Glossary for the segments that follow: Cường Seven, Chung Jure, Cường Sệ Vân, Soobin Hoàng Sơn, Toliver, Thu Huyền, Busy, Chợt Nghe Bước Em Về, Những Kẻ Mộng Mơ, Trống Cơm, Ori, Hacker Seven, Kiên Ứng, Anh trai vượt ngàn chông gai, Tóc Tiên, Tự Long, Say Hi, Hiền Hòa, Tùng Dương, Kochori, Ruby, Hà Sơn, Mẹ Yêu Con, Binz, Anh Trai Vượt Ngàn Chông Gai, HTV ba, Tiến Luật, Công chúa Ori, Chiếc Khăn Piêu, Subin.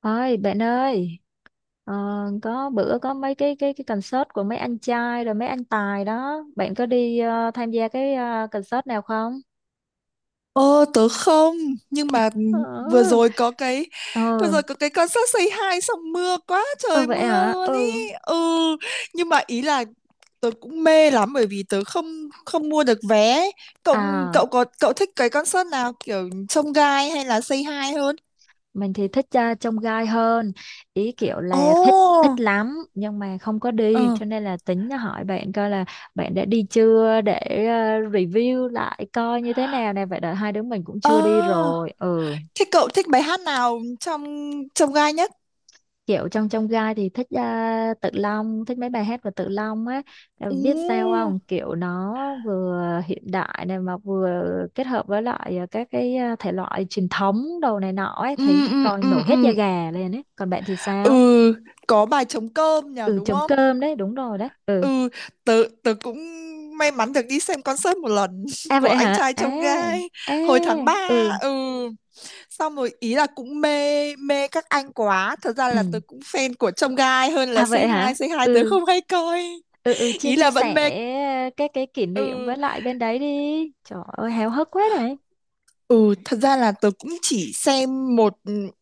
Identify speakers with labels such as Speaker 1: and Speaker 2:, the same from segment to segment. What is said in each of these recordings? Speaker 1: Ơi bạn ơi, ờ, có bữa có mấy cái concert của mấy anh trai rồi mấy anh tài đó, bạn có đi tham gia cái concert nào không?
Speaker 2: Ờ, tớ không. Nhưng mà
Speaker 1: Ờ,
Speaker 2: vừa rồi có cái Vừa
Speaker 1: ừ,
Speaker 2: rồi có cái concert Say Hi xong mưa quá
Speaker 1: ừ
Speaker 2: trời,
Speaker 1: vậy
Speaker 2: mưa
Speaker 1: hả?
Speaker 2: luôn ý.
Speaker 1: Ừ.
Speaker 2: Ừ. Nhưng mà ý là tớ cũng mê lắm. Bởi vì tớ không không mua được vé. Cậu
Speaker 1: À,
Speaker 2: cậu có cậu thích cái concert nào, kiểu trông gai hay là Say Hi hơn?
Speaker 1: mình thì thích trông gai hơn, ý kiểu là thích
Speaker 2: Ồ.
Speaker 1: thích lắm nhưng mà không có đi
Speaker 2: Ờ.
Speaker 1: cho nên là tính hỏi bạn coi là bạn đã đi chưa để review lại coi như thế nào nè, vậy là hai đứa mình cũng chưa đi
Speaker 2: Ờ.
Speaker 1: rồi. Ừ.
Speaker 2: Thế cậu thích bài hát nào trong trông gai nhất?
Speaker 1: Kiểu trong trong gai thì thích, Tự Long, thích mấy bài hát của Tự Long á. Ờ, biết sao
Speaker 2: Ừ.
Speaker 1: không, kiểu nó vừa hiện đại này mà vừa kết hợp với lại các cái, thể loại truyền thống đồ này nọ ấy,
Speaker 2: Ừ,
Speaker 1: thấy
Speaker 2: ừ,
Speaker 1: coi
Speaker 2: ừ,
Speaker 1: nổi hết
Speaker 2: ừ.
Speaker 1: da gà lên ấy. Còn bạn thì
Speaker 2: Ừ,
Speaker 1: sao?
Speaker 2: có bài trống cơm nhỉ,
Speaker 1: Ừ,
Speaker 2: đúng
Speaker 1: trống
Speaker 2: không?
Speaker 1: cơm đấy, đúng rồi đấy. Ừ.
Speaker 2: Ừ, tớ cũng may mắn được đi xem concert một lần
Speaker 1: À
Speaker 2: của
Speaker 1: vậy
Speaker 2: anh
Speaker 1: hả.
Speaker 2: trai
Speaker 1: À.
Speaker 2: Chông Gai
Speaker 1: À.
Speaker 2: hồi tháng 3.
Speaker 1: Ừ.
Speaker 2: Ừ, xong rồi ý là cũng mê mê các anh quá. Thật ra là
Speaker 1: Ừ.
Speaker 2: tớ cũng fan của Chông Gai hơn là
Speaker 1: À
Speaker 2: Say
Speaker 1: vậy
Speaker 2: Hi.
Speaker 1: hả.
Speaker 2: Say Hi tớ
Speaker 1: Ừ.
Speaker 2: không hay coi.
Speaker 1: Ừ. Ừ, chia
Speaker 2: Ý
Speaker 1: chia
Speaker 2: là vẫn
Speaker 1: sẻ
Speaker 2: mê.
Speaker 1: cái kỷ niệm
Speaker 2: Ừ,
Speaker 1: với lại bên đấy đi. Trời ơi háo hức quá này.
Speaker 2: Ừ, thật ra là tớ cũng chỉ xem một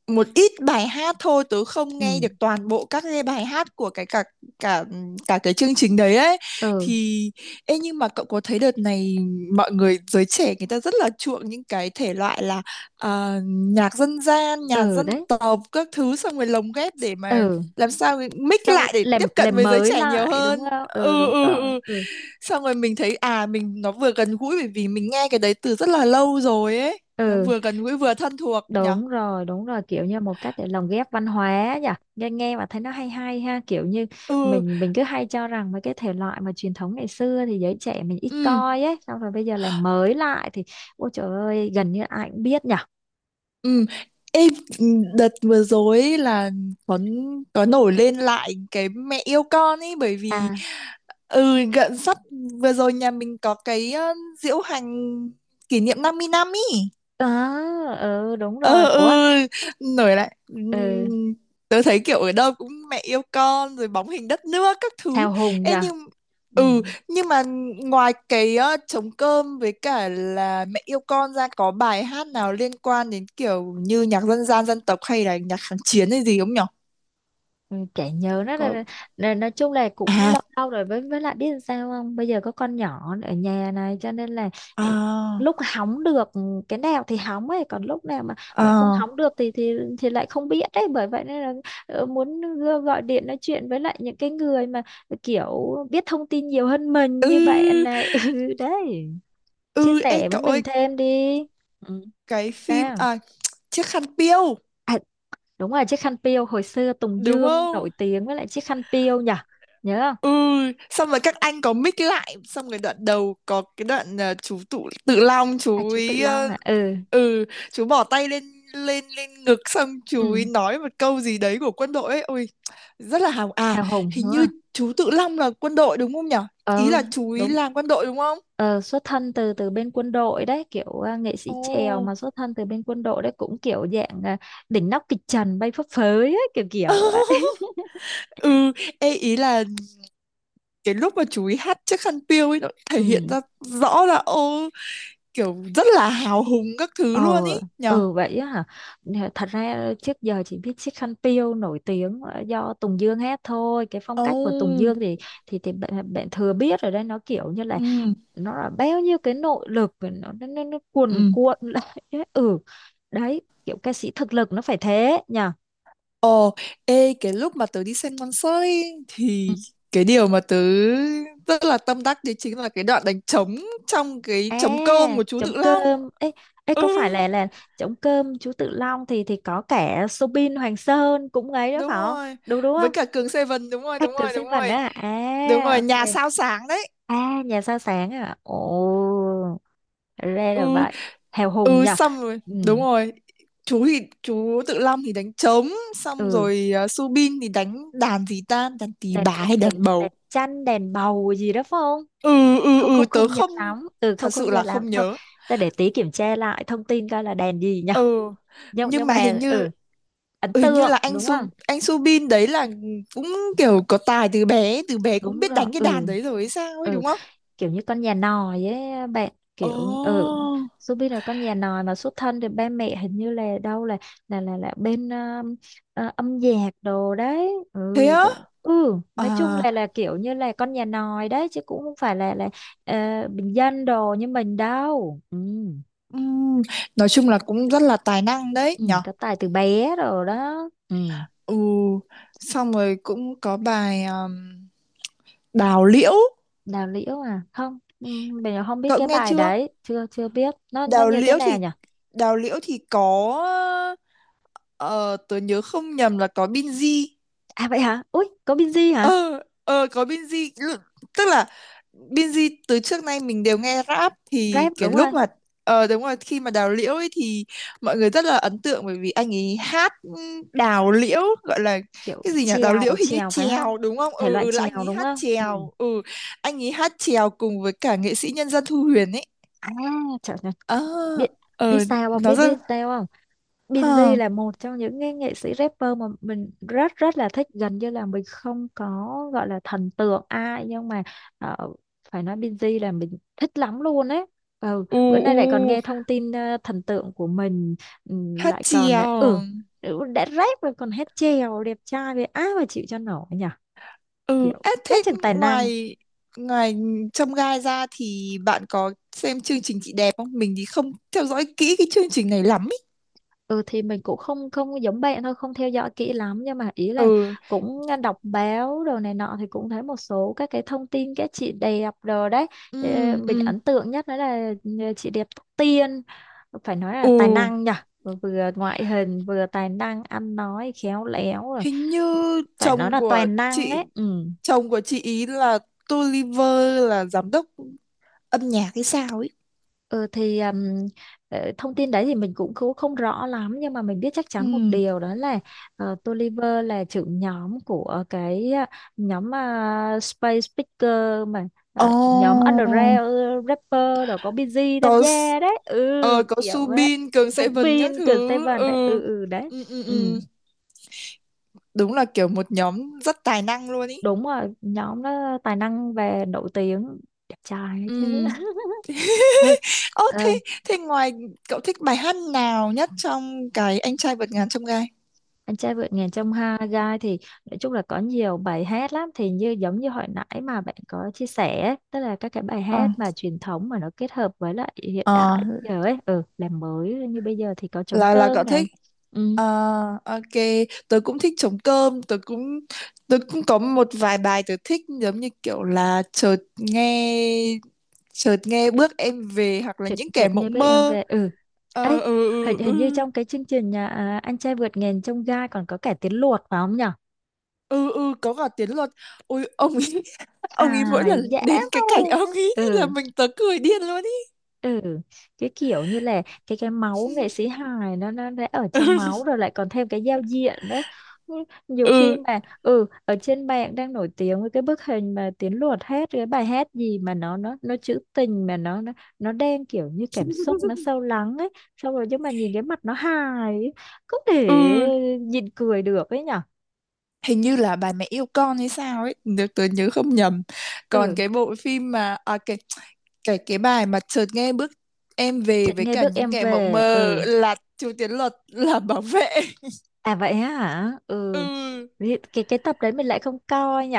Speaker 2: một ít bài hát thôi, tớ không nghe
Speaker 1: Ừ.
Speaker 2: được toàn bộ các cái bài hát của cái cả cả cả cái chương trình đấy ấy.
Speaker 1: Ừ.
Speaker 2: Thì ê, nhưng mà cậu có thấy đợt này mọi người, giới trẻ người ta rất là chuộng những cái thể loại là nhạc dân gian, nhạc
Speaker 1: Ừ
Speaker 2: dân
Speaker 1: đấy.
Speaker 2: tộc các thứ, xong rồi lồng ghép để mà
Speaker 1: Ừ,
Speaker 2: làm sao mix
Speaker 1: xong
Speaker 2: lại để
Speaker 1: làm
Speaker 2: tiếp cận
Speaker 1: làm
Speaker 2: với giới
Speaker 1: mới
Speaker 2: trẻ nhiều
Speaker 1: lại
Speaker 2: hơn.
Speaker 1: đúng không? Ừ
Speaker 2: Ừ,
Speaker 1: đúng
Speaker 2: ừ,
Speaker 1: rồi.
Speaker 2: ừ,
Speaker 1: Ừ.
Speaker 2: xong rồi mình thấy mình nó vừa gần gũi bởi vì mình nghe cái đấy từ rất là lâu rồi ấy, nó
Speaker 1: Ừ
Speaker 2: vừa gần gũi vừa thân thuộc nhở.
Speaker 1: đúng rồi, đúng rồi, kiểu như một cách để lồng ghép văn hóa nhỉ. Nghe nghe mà thấy nó hay hay ha, kiểu như
Speaker 2: Ừ,
Speaker 1: mình cứ hay cho rằng mấy cái thể loại mà truyền thống ngày xưa thì giới trẻ mình ít
Speaker 2: ừ,
Speaker 1: coi ấy, xong rồi bây giờ làm mới lại thì ôi trời ơi gần như ai cũng biết nhỉ.
Speaker 2: ừ. Ê, đợt vừa rồi ấy là có có nổi lên lại cái mẹ yêu con ấy, bởi vì
Speaker 1: À.
Speaker 2: sắp vừa rồi nhà mình có cái diễu hành kỷ niệm 50 năm.
Speaker 1: Ờ. Ừ đúng
Speaker 2: Ừ,
Speaker 1: rồi. Ủa.
Speaker 2: ừ, nổi lại.
Speaker 1: Ừ.
Speaker 2: Tớ thấy kiểu ở đâu cũng mẹ yêu con rồi bóng hình đất nước các thứ.
Speaker 1: Hào hùng nhỉ.
Speaker 2: Ê,
Speaker 1: Ừ.
Speaker 2: ừ nhưng mà ngoài cái trống cơm với cả là mẹ yêu con ra, có bài hát nào liên quan đến kiểu như nhạc dân gian dân tộc hay là nhạc kháng chiến hay gì không nhở?
Speaker 1: Ừ, chả nhớ nó
Speaker 2: Có.
Speaker 1: là nói chung là cũng
Speaker 2: à
Speaker 1: lâu lâu rồi, với lại biết làm sao không, bây giờ có con nhỏ ở nhà này cho nên là, ừ,
Speaker 2: à
Speaker 1: lúc hóng được cái nào thì hóng ấy, còn lúc nào mà không
Speaker 2: à
Speaker 1: hóng được thì thì lại không biết đấy. Bởi vậy nên là muốn gọi điện nói chuyện với lại những cái người mà kiểu biết thông tin nhiều hơn mình như bạn
Speaker 2: ừ,
Speaker 1: này ừ đấy, chia
Speaker 2: ừ, ê
Speaker 1: sẻ với
Speaker 2: cậu
Speaker 1: mình
Speaker 2: ơi,
Speaker 1: thêm đi. Ừ,
Speaker 2: cái phim
Speaker 1: sao?
Speaker 2: à, chiếc khăn piêu,
Speaker 1: À, đúng rồi, chiếc khăn piêu, hồi xưa Tùng
Speaker 2: đúng
Speaker 1: Dương nổi
Speaker 2: không?
Speaker 1: tiếng với lại chiếc khăn piêu nhỉ. Nhớ
Speaker 2: Ừ,
Speaker 1: không?
Speaker 2: xong rồi các anh có mix lại, xong rồi đoạn đầu có cái đoạn chú Tự Long
Speaker 1: À,
Speaker 2: chú
Speaker 1: chú Tự
Speaker 2: ý
Speaker 1: Long à. Ừ.
Speaker 2: ừ, chú bỏ tay lên lên lên ngực, xong chú
Speaker 1: Ừ.
Speaker 2: ý nói một câu gì đấy của quân đội ấy, ôi rất là hào à.
Speaker 1: Hào hùng
Speaker 2: Hình
Speaker 1: đúng
Speaker 2: như
Speaker 1: không?
Speaker 2: chú Tự Long là quân đội đúng không nhở? Ý
Speaker 1: Ờ
Speaker 2: là chú ý
Speaker 1: đúng.
Speaker 2: làm quân đội đúng không?
Speaker 1: Ờ, Xuất thân từ từ bên quân đội đấy, kiểu nghệ
Speaker 2: Ồ.
Speaker 1: sĩ chèo mà xuất thân từ bên quân đội đấy, cũng kiểu dạng đỉnh nóc kịch trần bay phấp phới ấy, kiểu kiểu vậy
Speaker 2: Ừ, ê ý là cái lúc mà chú ý hát chiếc khăn piêu ấy, nó thể hiện
Speaker 1: ừ.
Speaker 2: ra rõ là ô, kiểu rất là hào hùng các thứ
Speaker 1: Ờ.
Speaker 2: luôn ý nhở.
Speaker 1: Ừ vậy á hả. Nè, thật ra trước giờ chỉ biết Chiếc Khăn Piêu nổi tiếng do Tùng Dương hát thôi, cái phong
Speaker 2: Ồ.
Speaker 1: cách của Tùng Dương thì thì bạn thừa biết rồi đấy, nó kiểu như là
Speaker 2: Ừ,
Speaker 1: nó là bao nhiêu cái nội lực, và nó cuồn
Speaker 2: ừ.
Speaker 1: cuộn lại ấy. Ừ. Đấy, kiểu ca sĩ thực lực nó phải thế nhờ.
Speaker 2: Ồ, ê, cái lúc mà tớ đi xem concert ấy,
Speaker 1: Ừ.
Speaker 2: thì cái điều mà tớ rất là tâm đắc đấy chính là cái đoạn đánh trống trong cái
Speaker 1: À
Speaker 2: trống cơm của chú
Speaker 1: trống
Speaker 2: Tự Long.
Speaker 1: cơm ấy,
Speaker 2: Ừ,
Speaker 1: có phải là trống cơm chú Tự Long thì có cả Soobin Hoàng Sơn cũng ấy đó
Speaker 2: đúng
Speaker 1: phải không?
Speaker 2: rồi.
Speaker 1: Đúng đúng
Speaker 2: Với
Speaker 1: không?
Speaker 2: cả Cường Seven, đúng rồi, đúng
Speaker 1: Hacker
Speaker 2: rồi, đúng
Speaker 1: Seven
Speaker 2: rồi.
Speaker 1: á. À
Speaker 2: Đúng rồi,
Speaker 1: ok.
Speaker 2: nhà sao sáng đấy.
Speaker 1: À nhà sao sáng à. Ồ, ra là
Speaker 2: Ừ,
Speaker 1: vậy. Hào hùng
Speaker 2: ừ,
Speaker 1: nhờ.
Speaker 2: xong rồi,
Speaker 1: Ừ.
Speaker 2: đúng rồi. Chú Tự Long thì đánh trống, xong
Speaker 1: Ừ.
Speaker 2: rồi Subin thì đánh đàn gì ta, đàn tỳ
Speaker 1: đèn
Speaker 2: bà
Speaker 1: đèn
Speaker 2: hay đàn
Speaker 1: đèn
Speaker 2: bầu.
Speaker 1: đèn chanh, đèn bầu gì đó phải không?
Speaker 2: Ừ, ừ,
Speaker 1: Không,
Speaker 2: ừ,
Speaker 1: không
Speaker 2: tớ
Speaker 1: không nhớ
Speaker 2: không
Speaker 1: lắm. Ừ,
Speaker 2: thật
Speaker 1: không
Speaker 2: sự
Speaker 1: không nhớ
Speaker 2: là
Speaker 1: lắm
Speaker 2: không
Speaker 1: thôi.
Speaker 2: nhớ.
Speaker 1: Ta để tí kiểm tra lại thông tin coi là đèn gì nhở.
Speaker 2: ừ
Speaker 1: nhưng
Speaker 2: nhưng
Speaker 1: nhưng
Speaker 2: mà hình
Speaker 1: mà
Speaker 2: như
Speaker 1: ừ, ấn
Speaker 2: hình như
Speaker 1: tượng
Speaker 2: là anh
Speaker 1: đúng
Speaker 2: Su
Speaker 1: không?
Speaker 2: anh Subin đấy là cũng kiểu có tài từ bé, từ bé cũng
Speaker 1: Đúng
Speaker 2: biết
Speaker 1: rồi.
Speaker 2: đánh cái đàn
Speaker 1: Ừ.
Speaker 2: đấy rồi hay sao ấy
Speaker 1: Ừ,
Speaker 2: đúng không?
Speaker 1: kiểu như con nhà nòi ấy bạn,
Speaker 2: Ồ,
Speaker 1: kiểu. Ừ. Ruby là con nhà nòi mà, xuất thân thì ba mẹ hình như là đâu là là bên âm nhạc đồ đấy,
Speaker 2: thế
Speaker 1: ừ
Speaker 2: á
Speaker 1: ừ,
Speaker 2: à.
Speaker 1: nói chung là kiểu như là con nhà nòi đấy, chứ cũng không phải là ờ, bình dân đồ như mình đâu. Ừ.
Speaker 2: ừm, nói chung là cũng rất là tài năng đấy
Speaker 1: Ừ,
Speaker 2: nhở.
Speaker 1: có tài từ bé rồi đó. Ừ.
Speaker 2: Ừ, xong rồi cũng có bài Đào Liễu,
Speaker 1: Đào liễu à? Không, ừ, mình không biết
Speaker 2: cậu
Speaker 1: cái
Speaker 2: nghe
Speaker 1: bài
Speaker 2: chưa?
Speaker 1: đấy, chưa chưa biết nó
Speaker 2: Đào
Speaker 1: như thế
Speaker 2: Liễu
Speaker 1: nào
Speaker 2: thì
Speaker 1: nhỉ.
Speaker 2: Đào Liễu thì có, ờ, tớ nhớ không nhầm là có Binz.
Speaker 1: À vậy hả? Ui có Binz hả?
Speaker 2: Ờ có Binz, tức là Binz từ trước nay mình đều nghe rap, thì
Speaker 1: Rap
Speaker 2: cái
Speaker 1: đúng rồi.
Speaker 2: lúc mà, đúng rồi, khi mà đào liễu ấy thì mọi người rất là ấn tượng bởi vì anh ấy hát, đào liễu gọi là
Speaker 1: Kiểu
Speaker 2: cái gì nhỉ, đào
Speaker 1: chèo
Speaker 2: liễu hình như
Speaker 1: chèo phải không?
Speaker 2: chèo đúng không,
Speaker 1: Thể
Speaker 2: ừ,
Speaker 1: loại
Speaker 2: ừ, là anh
Speaker 1: chèo
Speaker 2: ấy
Speaker 1: đúng
Speaker 2: hát
Speaker 1: không? Ừ.
Speaker 2: chèo. Ừ, anh ấy hát chèo cùng với cả nghệ sĩ nhân dân Thu Huyền ấy.
Speaker 1: À trời ơi,
Speaker 2: Ờ.
Speaker 1: biết biết
Speaker 2: Ờ,
Speaker 1: sao không,
Speaker 2: nó
Speaker 1: biết
Speaker 2: rất
Speaker 1: biết sao không, Binz
Speaker 2: ha.
Speaker 1: là một trong những cái nghệ sĩ rapper mà mình rất rất là thích, gần như là mình không có gọi là thần tượng ai, nhưng mà ờ, phải nói Binz là mình thích lắm luôn ấy. Ừ,
Speaker 2: U
Speaker 1: bữa nay
Speaker 2: u
Speaker 1: lại còn nghe thông tin thần tượng của mình, ừ,
Speaker 2: Hát
Speaker 1: lại còn ừ,
Speaker 2: chèo.
Speaker 1: ừ, đã rap rồi còn hát chèo, đẹp trai vậy ai mà chịu cho nổi nhỉ,
Speaker 2: Ừ,
Speaker 1: kiểu
Speaker 2: ế, thế
Speaker 1: quá chừng tài năng.
Speaker 2: ngoài ngoài chông gai ra thì bạn có xem chương trình chị đẹp không? Mình thì không theo dõi kỹ cái chương trình này lắm ý.
Speaker 1: Ừ thì mình cũng không không giống bạn thôi, không theo dõi kỹ lắm, nhưng mà ý là
Speaker 2: Ừ,
Speaker 1: cũng đọc báo đồ này nọ thì cũng thấy một số các cái thông tin các chị đẹp rồi đấy. Ờ,
Speaker 2: ừ,
Speaker 1: mình
Speaker 2: ừ.
Speaker 1: ấn tượng nhất đó là chị đẹp Tóc Tiên, phải nói là tài
Speaker 2: Ừ,
Speaker 1: năng nhỉ, vừa ngoại hình vừa tài năng, ăn nói khéo léo rồi,
Speaker 2: hình như
Speaker 1: phải nói
Speaker 2: chồng
Speaker 1: là
Speaker 2: của
Speaker 1: toàn năng
Speaker 2: chị
Speaker 1: ấy. Ừ.
Speaker 2: chồng của chị ý là Toliver là giám đốc âm nhạc hay sao ấy.
Speaker 1: Ừ thì um, thông tin đấy thì mình cũng không rõ lắm, nhưng mà mình biết chắc
Speaker 2: Ừ.
Speaker 1: chắn một điều đó là Tolliver là trưởng nhóm của cái nhóm Space Picker mà,
Speaker 2: Ồ,
Speaker 1: nhóm underground rapper rồi có Busy tham
Speaker 2: có S-
Speaker 1: gia đấy. Ừ,
Speaker 2: ờ, có
Speaker 1: kiểu đấy,
Speaker 2: Subin, Cường Sệ Vân các
Speaker 1: Subin,
Speaker 2: thứ.
Speaker 1: Seven đấy. Ừ.
Speaker 2: Ừ.
Speaker 1: Ừ đấy.
Speaker 2: Ừ, ừ,
Speaker 1: Ừ
Speaker 2: ừ. Đúng là kiểu một nhóm rất tài năng luôn ý.
Speaker 1: đúng rồi, nhóm đó tài năng và nổi tiếng, đẹp trai ấy chứ
Speaker 2: Ừ.
Speaker 1: Ê,
Speaker 2: Ơ thế
Speaker 1: ờ,
Speaker 2: thế ngoài cậu thích bài hát nào nhất trong cái anh trai vượt ngàn chông gai?
Speaker 1: anh trai vượt ngàn chông gai thì nói chung là có nhiều bài hát lắm, thì như giống như hồi nãy mà bạn có chia sẻ ấy, tức là các cái bài
Speaker 2: Ờ.
Speaker 1: hát mà truyền thống mà nó kết hợp với lại hiện
Speaker 2: Ờ,
Speaker 1: đại bây giờ ấy, ừ, làm mới như bây giờ thì có trống
Speaker 2: là cậu
Speaker 1: cơm này.
Speaker 2: thích.
Speaker 1: Ừ,
Speaker 2: Ờ, ok, tớ cũng thích trống cơm, tớ cũng có một vài bài tớ thích giống như kiểu là chợt nghe bước em về hoặc là
Speaker 1: chợt
Speaker 2: những kẻ
Speaker 1: chợt nghe
Speaker 2: mộng
Speaker 1: bữa em
Speaker 2: mơ.
Speaker 1: về. Ừ,
Speaker 2: Ờ,
Speaker 1: ấy,
Speaker 2: ừ,
Speaker 1: hình
Speaker 2: ừ, ừ.
Speaker 1: hình như trong cái chương trình nhà, anh trai vượt ngàn chông gai còn có cả tiếng luộc phải không nhở?
Speaker 2: Ừ, ừ, có cả Tiến Luật. Ôi, ông ấy. Ông ấy mỗi lần
Speaker 1: Hài dễ
Speaker 2: đến cái cảnh ông
Speaker 1: man.
Speaker 2: ấy, thì là
Speaker 1: Ừ.
Speaker 2: tớ cười điên luôn ý.
Speaker 1: Ừ. Cái kiểu như là cái máu nghệ sĩ hài nó đã ở trong máu rồi, lại còn thêm cái giao diện đấy. Ừ, nhiều khi
Speaker 2: Ừ,
Speaker 1: mà ừ, ở trên mạng đang nổi tiếng với cái bức hình mà Tiến Luật hát cái bài hát gì mà nó trữ tình, mà nó đem kiểu như cảm xúc nó
Speaker 2: ừ.
Speaker 1: sâu lắng ấy, xong rồi nhưng mà nhìn cái mặt nó hài ấy, không thể
Speaker 2: Ừ,
Speaker 1: nhìn cười được ấy nhở.
Speaker 2: hình như là bà mẹ yêu con hay sao ấy, nếu tớ nhớ không nhầm. Còn
Speaker 1: Ừ,
Speaker 2: cái bộ phim mà à cái bài mà chợt nghe bước em về
Speaker 1: chợt
Speaker 2: với
Speaker 1: nghe
Speaker 2: cả
Speaker 1: bước
Speaker 2: những
Speaker 1: em
Speaker 2: ngày mộng
Speaker 1: về.
Speaker 2: mơ
Speaker 1: Ừ.
Speaker 2: là Chu Tiến Luật là bảo vệ.
Speaker 1: À vậy á hả? Ừ.
Speaker 2: Ừ,
Speaker 1: Vì cái tập đấy mình lại không coi nhỉ.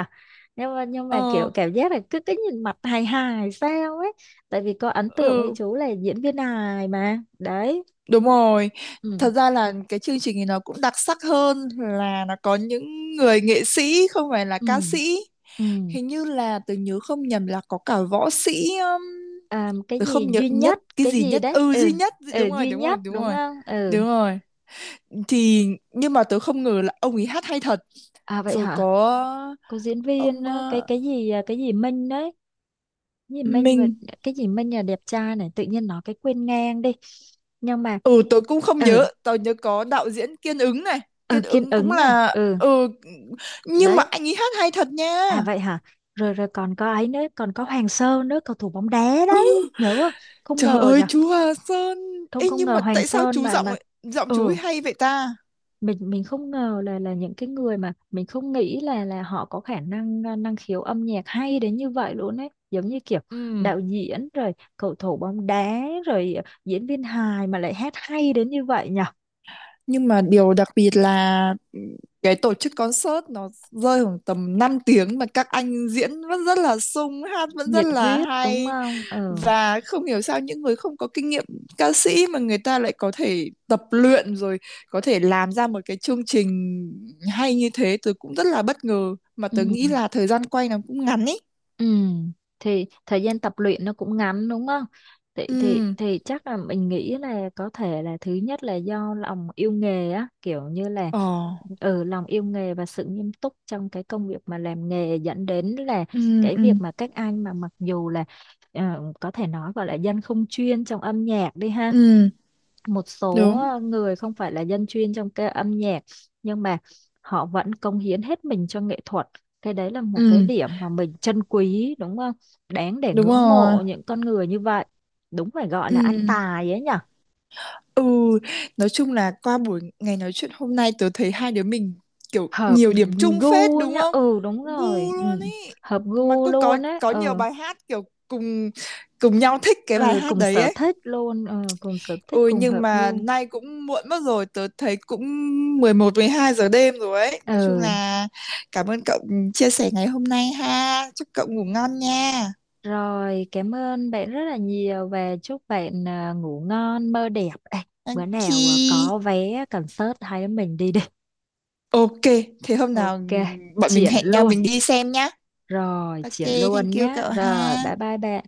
Speaker 1: Nhưng mà kiểu
Speaker 2: ờ,
Speaker 1: cảm giác là cứ cứ nhìn mặt hài hài sao ấy. Tại vì có ấn tượng với
Speaker 2: ừ,
Speaker 1: chú là diễn viên hài mà. Đấy.
Speaker 2: đúng rồi.
Speaker 1: Ừ.
Speaker 2: Thật ra là cái chương trình này nó cũng đặc sắc hơn là nó có những người nghệ sĩ không phải là ca
Speaker 1: Ừ.
Speaker 2: sĩ.
Speaker 1: Ừ.
Speaker 2: Hình như là tớ nhớ không nhầm là có cả võ sĩ.
Speaker 1: À, cái
Speaker 2: Tớ không
Speaker 1: gì
Speaker 2: nhớ
Speaker 1: duy
Speaker 2: nhất
Speaker 1: nhất,
Speaker 2: cái
Speaker 1: cái
Speaker 2: gì
Speaker 1: gì
Speaker 2: nhất.
Speaker 1: đấy?
Speaker 2: Ừ
Speaker 1: Ừ.
Speaker 2: duy nhất.
Speaker 1: Ừ
Speaker 2: Đúng rồi,
Speaker 1: duy
Speaker 2: đúng rồi,
Speaker 1: nhất
Speaker 2: đúng
Speaker 1: đúng
Speaker 2: rồi.
Speaker 1: không? Ừ.
Speaker 2: Đúng rồi. Thì nhưng mà tớ không ngờ là ông ấy hát hay thật.
Speaker 1: À vậy
Speaker 2: Rồi có
Speaker 1: hả? Có diễn viên
Speaker 2: ông
Speaker 1: á, cái cái gì cái gì Minh đấy. Cái gì Minh, và
Speaker 2: Minh.
Speaker 1: cái gì Minh là đẹp trai này, tự nhiên nói cái quên ngang đi. Nhưng mà
Speaker 2: Ừ tớ cũng không
Speaker 1: ừ.
Speaker 2: nhớ, tớ nhớ có đạo diễn Kiên Ứng này. Kiên
Speaker 1: Ừ, Kiên
Speaker 2: Ứng cũng
Speaker 1: Ứng này.
Speaker 2: là.
Speaker 1: Ừ
Speaker 2: Ừ nhưng mà
Speaker 1: đấy.
Speaker 2: anh ấy hát hay thật nha.
Speaker 1: À vậy hả. Rồi, rồi còn có ấy nữa, còn có Hoàng Sơn nữa, cầu thủ bóng đá đấy, nhớ không? Không
Speaker 2: Trời
Speaker 1: ngờ
Speaker 2: ơi
Speaker 1: nhỉ.
Speaker 2: chú Hà Sơn.
Speaker 1: không
Speaker 2: Ê
Speaker 1: không
Speaker 2: nhưng
Speaker 1: ngờ
Speaker 2: mà
Speaker 1: Hoàng
Speaker 2: tại sao
Speaker 1: Sơn
Speaker 2: chú
Speaker 1: mà
Speaker 2: giọng ấy- giọng chú ấy
Speaker 1: ừ,
Speaker 2: hay vậy ta?
Speaker 1: mình không ngờ là những cái người mà mình không nghĩ là họ có khả năng, năng khiếu âm nhạc hay đến như vậy luôn ấy, giống như kiểu
Speaker 2: Ừ.
Speaker 1: đạo diễn rồi cầu thủ bóng đá rồi diễn viên hài mà lại hát hay đến như vậy nhỉ.
Speaker 2: Nhưng mà điều đặc biệt là, cái tổ chức concert nó rơi khoảng tầm 5 tiếng mà các anh diễn vẫn rất là sung, hát vẫn rất
Speaker 1: Nhiệt
Speaker 2: là
Speaker 1: huyết đúng
Speaker 2: hay,
Speaker 1: không? Ừ.
Speaker 2: và không hiểu sao những người không có kinh nghiệm ca sĩ mà người ta lại có thể tập luyện rồi có thể làm ra một cái chương trình hay như thế, tớ cũng rất là bất ngờ mà
Speaker 1: Ừ.
Speaker 2: tớ nghĩ là thời gian quay nó cũng ngắn ấy.
Speaker 1: Ừ, thì thời gian tập luyện nó cũng ngắn đúng không? Thì thì
Speaker 2: Ừ.
Speaker 1: thì chắc là mình nghĩ là có thể là thứ nhất là do lòng yêu nghề á, kiểu như là
Speaker 2: Ờ.
Speaker 1: ừ, lòng yêu nghề và sự nghiêm túc trong cái công việc mà làm nghề, dẫn đến là
Speaker 2: Ừ,
Speaker 1: cái
Speaker 2: ừ,
Speaker 1: việc mà các anh, mà mặc dù là có thể nói gọi là dân không chuyên trong âm nhạc đi ha,
Speaker 2: ừ,
Speaker 1: một số
Speaker 2: đúng.
Speaker 1: người không phải là dân chuyên trong cái âm nhạc, nhưng mà họ vẫn cống hiến hết mình cho nghệ thuật. Cái đấy là một cái
Speaker 2: Ừ,
Speaker 1: điểm mà mình trân quý đúng không, đáng để
Speaker 2: đúng
Speaker 1: ngưỡng
Speaker 2: rồi.
Speaker 1: mộ những con người như vậy, đúng, phải gọi là ăn
Speaker 2: Ừ,
Speaker 1: tài ấy nhở.
Speaker 2: Ừ, nói chung là qua buổi ngày nói chuyện hôm nay tớ thấy hai đứa mình kiểu
Speaker 1: Hợp
Speaker 2: nhiều điểm chung phết
Speaker 1: gu
Speaker 2: đúng
Speaker 1: nhá.
Speaker 2: không?
Speaker 1: Ừ đúng
Speaker 2: Gu
Speaker 1: rồi. Ừ.
Speaker 2: luôn ý.
Speaker 1: Hợp
Speaker 2: Mà
Speaker 1: gu
Speaker 2: cũng có
Speaker 1: luôn ấy.
Speaker 2: có nhiều
Speaker 1: Ừ.
Speaker 2: bài hát kiểu cùng cùng nhau thích cái bài
Speaker 1: Ừ,
Speaker 2: hát
Speaker 1: cùng
Speaker 2: đấy
Speaker 1: sở
Speaker 2: ấy.
Speaker 1: thích luôn. Ừ, cùng sở thích,
Speaker 2: Ôi
Speaker 1: cùng
Speaker 2: nhưng
Speaker 1: hợp
Speaker 2: mà
Speaker 1: gu.
Speaker 2: nay cũng muộn mất rồi, tớ thấy cũng 11, 12 giờ đêm rồi ấy. Nói chung
Speaker 1: Ừ.
Speaker 2: là cảm ơn cậu chia sẻ ngày hôm nay ha. Chúc cậu ngủ ngon nha.
Speaker 1: Rồi, cảm ơn bạn rất là nhiều và chúc bạn ngủ ngon, mơ đẹp. Ê, bữa
Speaker 2: Thank
Speaker 1: nào
Speaker 2: you.
Speaker 1: có vé concert hai đứa mình đi đi.
Speaker 2: Ok, thế hôm nào
Speaker 1: Ok,
Speaker 2: bọn mình
Speaker 1: triển
Speaker 2: hẹn nhau
Speaker 1: luôn.
Speaker 2: mình đi xem nhá.
Speaker 1: Rồi,
Speaker 2: Ok,
Speaker 1: triển
Speaker 2: thank
Speaker 1: luôn
Speaker 2: you
Speaker 1: nhé.
Speaker 2: cậu
Speaker 1: Rồi,
Speaker 2: ha.
Speaker 1: bye bye bạn.